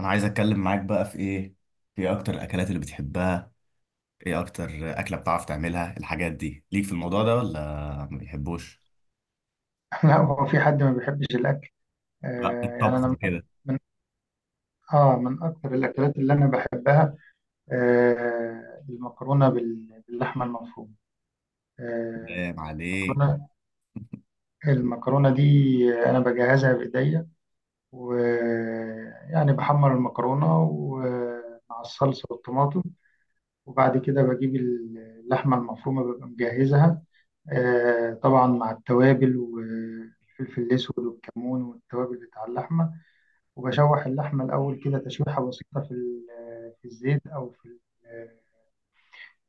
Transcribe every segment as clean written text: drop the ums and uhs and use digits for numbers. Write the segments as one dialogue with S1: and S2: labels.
S1: انا عايز اتكلم معاك بقى في ايه. في إيه اكتر الاكلات اللي بتحبها؟ ايه اكتر اكله بتعرف تعملها؟ الحاجات دي ليك في الموضوع ده ولا ما بيحبوش؟
S2: لا، هو في حد ما بيحبش الأكل؟
S1: لا، الطبخ
S2: أنا من أكتر
S1: وكده.
S2: من من أكتر الأكلات اللي أنا بحبها. المكرونة باللحمة المفرومة. آه
S1: سلام عليك.
S2: المكرونة المكرونة دي أنا بجهزها بإيديا، ويعني بحمر المكرونة ومع الصلصة والطماطم، وبعد كده بجيب اللحمة المفرومة ببقى مجهزها. طبعا مع التوابل والفلفل الأسود والكمون والتوابل بتاع اللحمة. وبشوح اللحمة الأول كده تشويحة بسيطة في الزيت أو ال-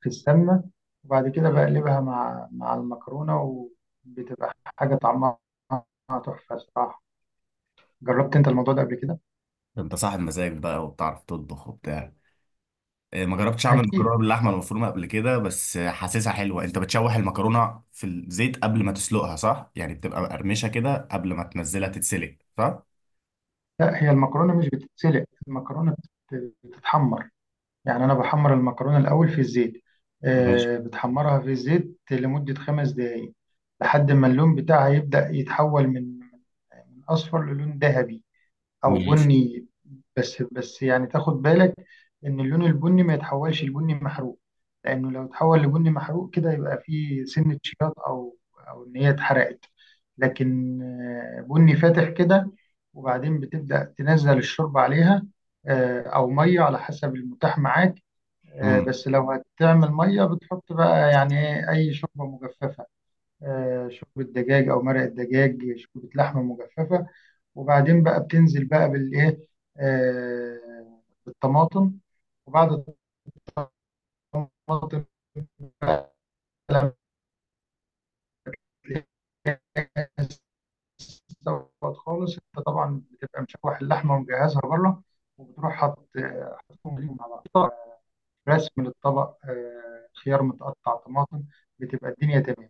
S2: في السمنة، وبعد كده بقلبها مع المكرونة، وبتبقى حاجة طعمها تحفة الصراحة. جربت أنت الموضوع ده قبل كده؟
S1: ده انت صاحب مزاج بقى وبتعرف تطبخ وبتاع. إيه، ما جربتش اعمل
S2: أكيد.
S1: مكرونه باللحمه المفرومه قبل كده، بس حاسسها حلوه. انت بتشوح المكرونه في الزيت قبل ما تسلقها صح؟ يعني بتبقى مقرمشه كده قبل ما تنزلها تتسلق صح؟
S2: لا، هي المكرونة مش بتتسلق، المكرونة بتتحمر. يعني أنا بحمر المكرونة الأول في الزيت،
S1: ماشي.
S2: بتحمرها في الزيت لمدة 5 دقايق، لحد ما اللون بتاعها يبدأ يتحول من أصفر للون ذهبي او
S1: ماشي.
S2: بني. بس يعني تاخد بالك ان اللون البني ما يتحولش لبني محروق، لانه لو اتحول لبني محروق كده يبقى فيه سنة شياط، او ان هي اتحرقت. لكن بني فاتح كده. وبعدين بتبدأ تنزل الشوربة عليها، او مية على حسب المتاح معاك.
S1: مم.
S2: بس لو هتعمل مية بتحط بقى يعني اي شوربة مجففة. شوربة دجاج او مرق الدجاج، شوربة لحمة مجففة. وبعدين بقى بتنزل بقى بالايه؟ آه بالطماطم. وبعد الطماطم بقى لما تلاقيها استوت خالص، انت طبعا بتبقى مشوح اللحمه ومجهزها بره، وبتروح حاط، حاطهم ليهم على بعض. رسم للطبق، خيار متقطع، طماطم. بتبقى الدنيا تمام.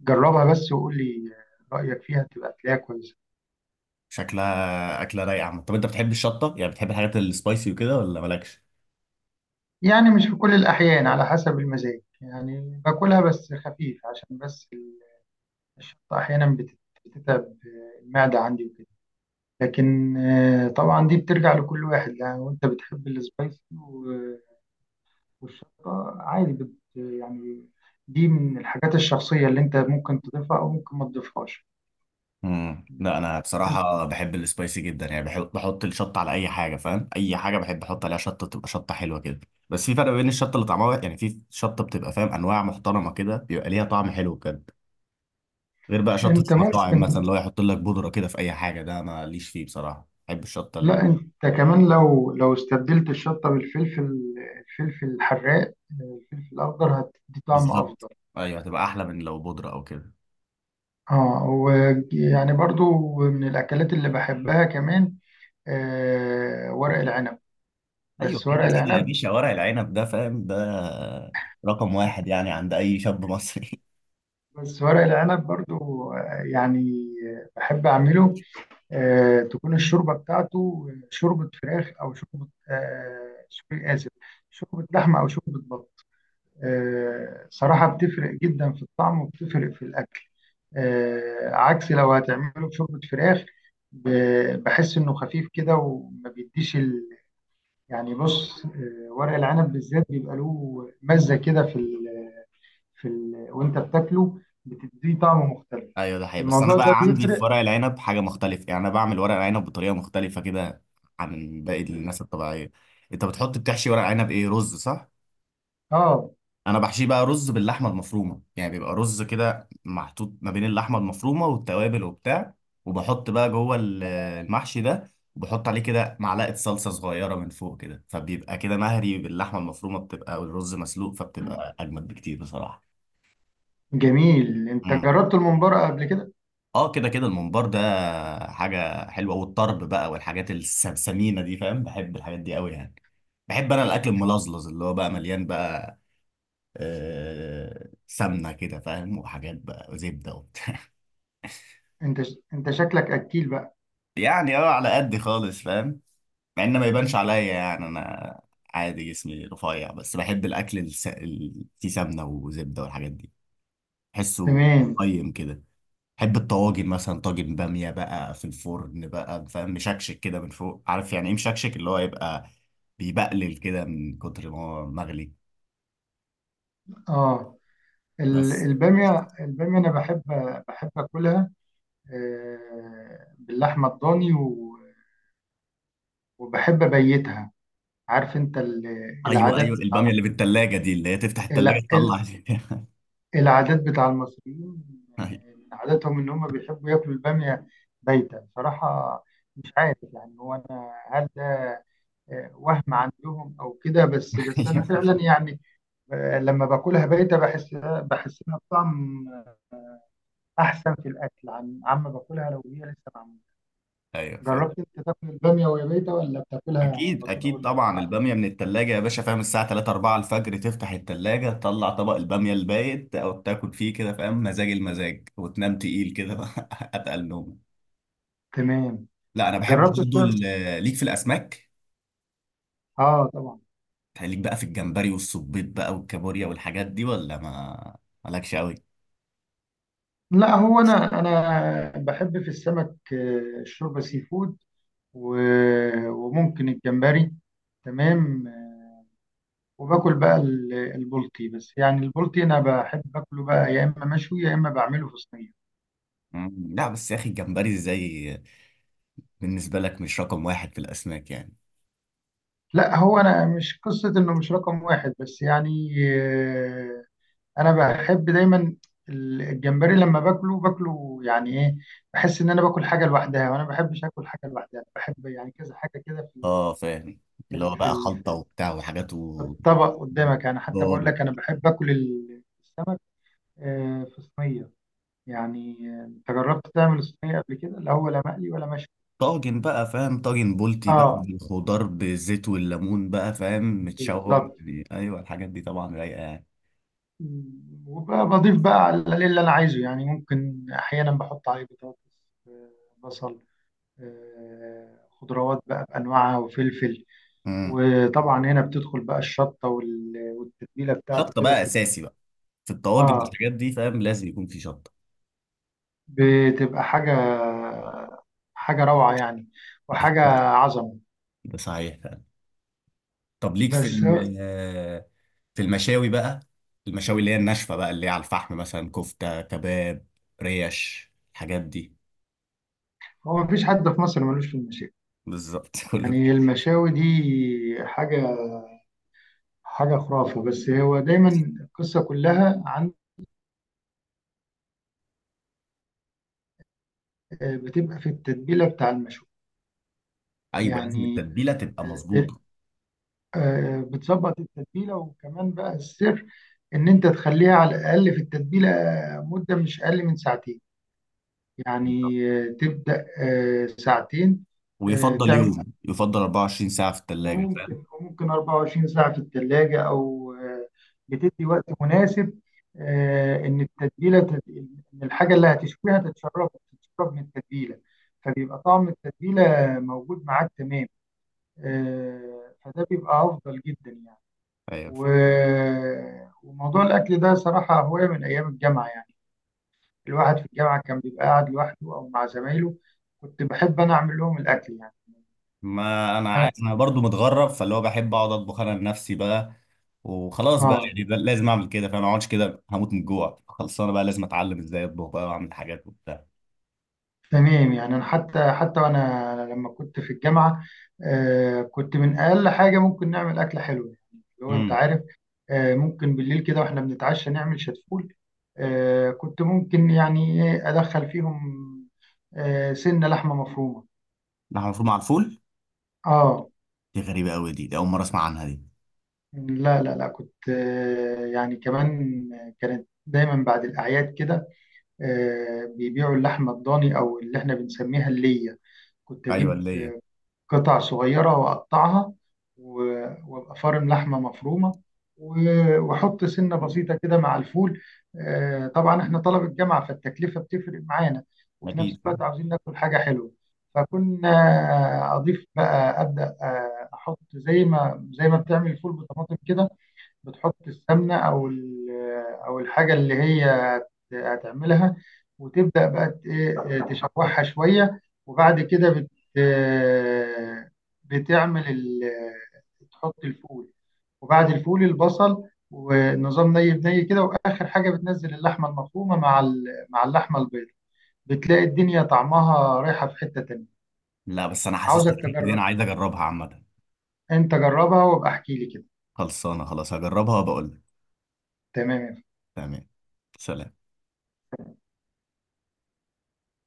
S2: جربها بس وقول لي رايك فيها، تبقى تلاقيها كويسه.
S1: شكلها اكله رايقه عامة. طب انت بتحب الشطه؟ يعني بتحب الحاجات السبايسي وكده ولا مالكش؟
S2: يعني مش في كل الاحيان، على حسب المزاج، يعني باكلها بس خفيف، عشان بس الشطة أحيانا بتتعب المعدة عندي وكده. لكن طبعا دي بترجع لكل واحد، يعني وأنت بتحب السبايسي والشطة عادي بت يعني. دي من الحاجات الشخصية اللي أنت ممكن تضيفها أو ممكن ما تضيفهاش.
S1: لا، انا بصراحه بحب السبايسي جدا، يعني بحب بحط الشطه على اي حاجه، فاهم اي حاجه بحب احط عليها شطه تبقى شطه حلوه كده. بس في فرق بين الشطه اللي طعمها، يعني في شطه بتبقى فاهم انواع محترمه كده بيبقى ليها طعم حلو بجد، غير بقى شطه
S2: أنت ممكن
S1: المطاعم مثلا اللي هو يحط لك بودره كده في اي حاجه. ده ماليش فيه بصراحه، بحب الشطه
S2: لا، أنت كمان لو استبدلت الشطة بالفلفل، الفلفل الحراق، الفلفل الأخضر هتدي طعم
S1: بالظبط.
S2: أفضل.
S1: ايوه، هتبقى احلى من لو بودره او كده.
S2: اه، ويعني برضو من الأكلات اللي بحبها كمان، ورق العنب.
S1: ايوه
S2: بس
S1: كده
S2: ورق
S1: كده يا
S2: العنب
S1: باشا، ورق العنب ده فاهم ده رقم واحد يعني عند اي شاب مصري.
S2: بس ورق العنب برضو، آه، يعني بحب أعمله. تكون الشوربة بتاعته شوربة فراخ أو شوربة، سوري آسف، شوربة لحمة أو شوربة بط. صراحة بتفرق جدا في الطعم وبتفرق في الأكل. عكس لو هتعمله بشوربة فراخ، بحس إنه خفيف كده وما بيديش يعني بص. ورق العنب بالذات بيبقى له مزة كده وانت بتاكله بتديه طعم مختلف.
S1: ايوه ده حقيقي، بس انا
S2: الموضوع ده
S1: بقى عندي
S2: بيفرق.
S1: في ورق العنب حاجه مختلفه، يعني انا بعمل ورق العنب بطريقه مختلفه كده عن باقي الناس الطبيعيه. انت بتحشي ورق عنب ايه، رز صح؟
S2: اه،
S1: انا بحشيه بقى رز باللحمه المفرومه، يعني بيبقى رز كده محطوط ما بين اللحمه المفرومه والتوابل وبتاع، وبحط بقى جوه المحشي ده، وبحط عليه كده معلقه صلصه صغيره من فوق كده، فبيبقى كده مهري باللحمه المفرومه بتبقى، والرز مسلوق، فبتبقى اجمد بكتير بصراحه.
S2: جميل. انت
S1: امم.
S2: جربت الممبار قبل كده؟
S1: اه كده كده، الممبار ده حاجه حلوه، والطرب بقى والحاجات السمينه دي فاهم، بحب الحاجات دي قوي يعني. بحب انا الاكل الملزلز اللي هو بقى مليان بقى آه، سمنه كده فاهم، وحاجات بقى وزبده وبتاع.
S2: انت شكلك اكيل بقى.
S1: يعني اه، على قد خالص فاهم. مع ان ما يبانش
S2: مم.
S1: عليا، يعني انا عادي جسمي رفيع، بس بحب الاكل اللي فيه سمنه وزبده والحاجات دي. بحسه
S2: تمام.
S1: قيم كده. بحب الطواجن مثلا، طاجن باميه بقى في الفرن بقى فاهم، مشكشك كده من فوق. عارف يعني ايه مشكشك؟ اللي هو يبقى بيبقلل كده من كتر ما هو مغلي.
S2: اه،
S1: بس
S2: الباميه، انا بحب، اكلها باللحمه الضاني وبحب ابيتها. عارف انت
S1: ايوه
S2: العادات
S1: ايوه، الباميه
S2: بتاع
S1: اللي بالتلاجة دي اللي هي تفتح التلاجة
S2: ال-
S1: تطلع.
S2: العادات بتاع المصريين، عاداتهم ان هم بيحبوا ياكلوا الباميه بايته بصراحه. مش عارف يعني هو انا هل ده وهم عندهم او كده، بس انا
S1: ايوه
S2: فعلا يعني لما باكلها بايته بحس، لها بطعم احسن في الاكل عما باكلها لو هي لسه معموله.
S1: ايوه فاهم.
S2: جربت انت تاكل الباميه وهي بايته، ولا بتاكلها
S1: اكيد
S2: على طول
S1: اكيد،
S2: اول ما
S1: طبعا
S2: تفتحها؟
S1: الباميه من التلاجة يا باشا فاهم، الساعه 3 4 الفجر تفتح التلاجة تطلع طبق الباميه البايت او تاكل فيه كده فاهم، مزاج المزاج، وتنام تقيل كده بقى، اتقل نوم.
S2: تمام.
S1: لا انا بحب
S2: جربت
S1: برضه
S2: تعمل؟
S1: ليك في الاسماك،
S2: اه طبعا.
S1: ليك بقى في الجمبري والصبيط بقى والكابوريا والحاجات دي، ولا ما مالكش قوي؟
S2: لا، هو انا بحب في السمك، الشوربه سي فود، وممكن الجمبري. تمام. وباكل بقى البلطي. بس يعني البلطي انا بحب اكله بقى، يا اما مشوي يا اما بعمله في صينيه.
S1: لا بس يا اخي الجمبري ازاي بالنسبه لك مش رقم واحد في الاسماك يعني؟
S2: لا، هو انا مش قصه انه مش رقم واحد، بس يعني انا بحب دايما الجمبري. لما باكله يعني ايه، بحس ان انا باكل حاجه لوحدها، وانا ما بحبش اكل حاجه لوحدها، بحب يعني كذا حاجه كده
S1: اه فاهم، اللي هو بقى خلطه
S2: في
S1: وبتاع وحاجات
S2: الطبق قدامك. يعني حتى بقول
S1: وخضار.
S2: لك انا بحب اكل السمك في صينيه. يعني انت جربت تعمل صينيه قبل كده؟ لا هو، لا مقلي ولا مشوي.
S1: طاجن بقى فاهم، طاجن بولتي بقى مم.
S2: اه،
S1: الخضار بالزيت والليمون بقى فاهم، متشوح
S2: بالظبط.
S1: يعني. ايوه الحاجات دي طبعا رايقه يعني.
S2: وبضيف بقى على اللي انا عايزه، يعني ممكن احيانا بحط عليه بطاطس، آه، بصل، خضروات بقى بانواعها، وفلفل.
S1: امم
S2: وطبعا هنا بتدخل بقى الشطه والتتبيله بتاعته
S1: شطه
S2: كده.
S1: بقى
S2: بتبقى،
S1: اساسي بقى في الطواجن
S2: اه،
S1: والحاجات دي فاهم، لازم يكون في شطه.
S2: بتبقى حاجه حاجه روعه يعني، وحاجه عظمه.
S1: ده صحيح فاهم. طب ليك في
S2: بس هو
S1: في المشاوي بقى؟ المشاوي اللي هي الناشفه بقى، اللي هي على الفحم مثلا، كفته، كباب، ريش، الحاجات دي.
S2: هو مفيش حد في مصر ملوش في المشاوي.
S1: بالظبط. كله.
S2: يعني المشاوي دي حاجة خرافة. بس هو دايما القصة كلها عن، بتبقى في التتبيلة بتاع المشوي.
S1: ايوه لازم
S2: يعني
S1: التتبيله تبقى
S2: آه،
S1: مظبوطه.
S2: بتظبط التتبيلة. وكمان بقى السر إن أنت تخليها على الأقل في التتبيلة مدة مش أقل من ساعتين.
S1: بالظبط.
S2: يعني تبدأ ساعتين،
S1: ويفضل يوم، يفضل 24 ساعه في الثلاجه فاهم.
S2: وممكن 24 ساعة في الثلاجة، أو بتدي وقت مناسب، إن التتبيلة إن الحاجة اللي هتشويها تتشرب، من التتبيلة. فبيبقى طعم التتبيلة موجود معاك. تمام. فده بيبقى أفضل جدا يعني.
S1: ايوه،
S2: وموضوع الأكل ده صراحة هواية من أيام الجامعة. يعني الواحد في الجامعة كان بيبقى قاعد لوحده أو مع زمايله، كنت بحب أنا أعمل لهم الأكل.
S1: ما انا
S2: أنا-
S1: عارف، انا برضو متغرب فاللي هو بحب اقعد اطبخ انا لنفسي بقى وخلاص بقى،
S2: آه،
S1: يعني ده لازم اعمل كده، فانا ما اقعدش كده هموت من الجوع، خلصانه بقى لازم اتعلم ازاي اطبخ بقى واعمل حاجات وبتاع.
S2: تمام. يعني انا حتى وانا لما كنت في الجامعه، كنت من اقل حاجه ممكن نعمل اكله حلوه. يعني اللي هو انت
S1: امم
S2: عارف، ممكن بالليل كده واحنا بنتعشى نعمل شتفول. كنت ممكن يعني ادخل فيهم سنه لحمه مفرومه.
S1: لحمة مفرومة على الفول؟
S2: اه.
S1: دي غريبة قوي، دي أول مرة أسمع عنها دي.
S2: لا لا لا، كنت كمان كانت دايما بعد الاعياد كده بيبيعوا اللحمه الضاني، او اللي احنا بنسميها الليه. كنت
S1: ايوه
S2: اجيب
S1: اللي هي.
S2: قطع صغيرة وأقطعها، و- وأبقى فارم لحمة مفرومة، وأحط سنة بسيطة كده مع الفول. طبعا إحنا طلبة جامعة، فالتكلفة بتفرق معانا، وفي نفس
S1: اكيد آه.
S2: الوقت عاوزين ناكل حاجة حلوة. فكنا أضيف بقى، أبدأ أحط زي ما بتعمل الفول بطماطم كده. بتحط السمنة أو الحاجة اللي هي هتعملها، وتبدأ بقى ت- إيه، تشوحها شوية. وبعد كده بت آه، بتعمل تحط الفول، وبعد الفول البصل، ونظام ني بني كده. وآخر حاجة بتنزل اللحمة المفرومة مع اللحمة البيضاء. بتلاقي الدنيا طعمها رايحة في حتة تانية.
S1: لا بس أنا حاسس إن
S2: عاوزك
S1: الفكرة دي أنا
S2: تجرب.
S1: عايز أجربها عامة.
S2: انت جربها وابقى احكي لي كده.
S1: خلصانة خلاص هجربها وبقول لك.
S2: تمام يا
S1: تمام. سلام.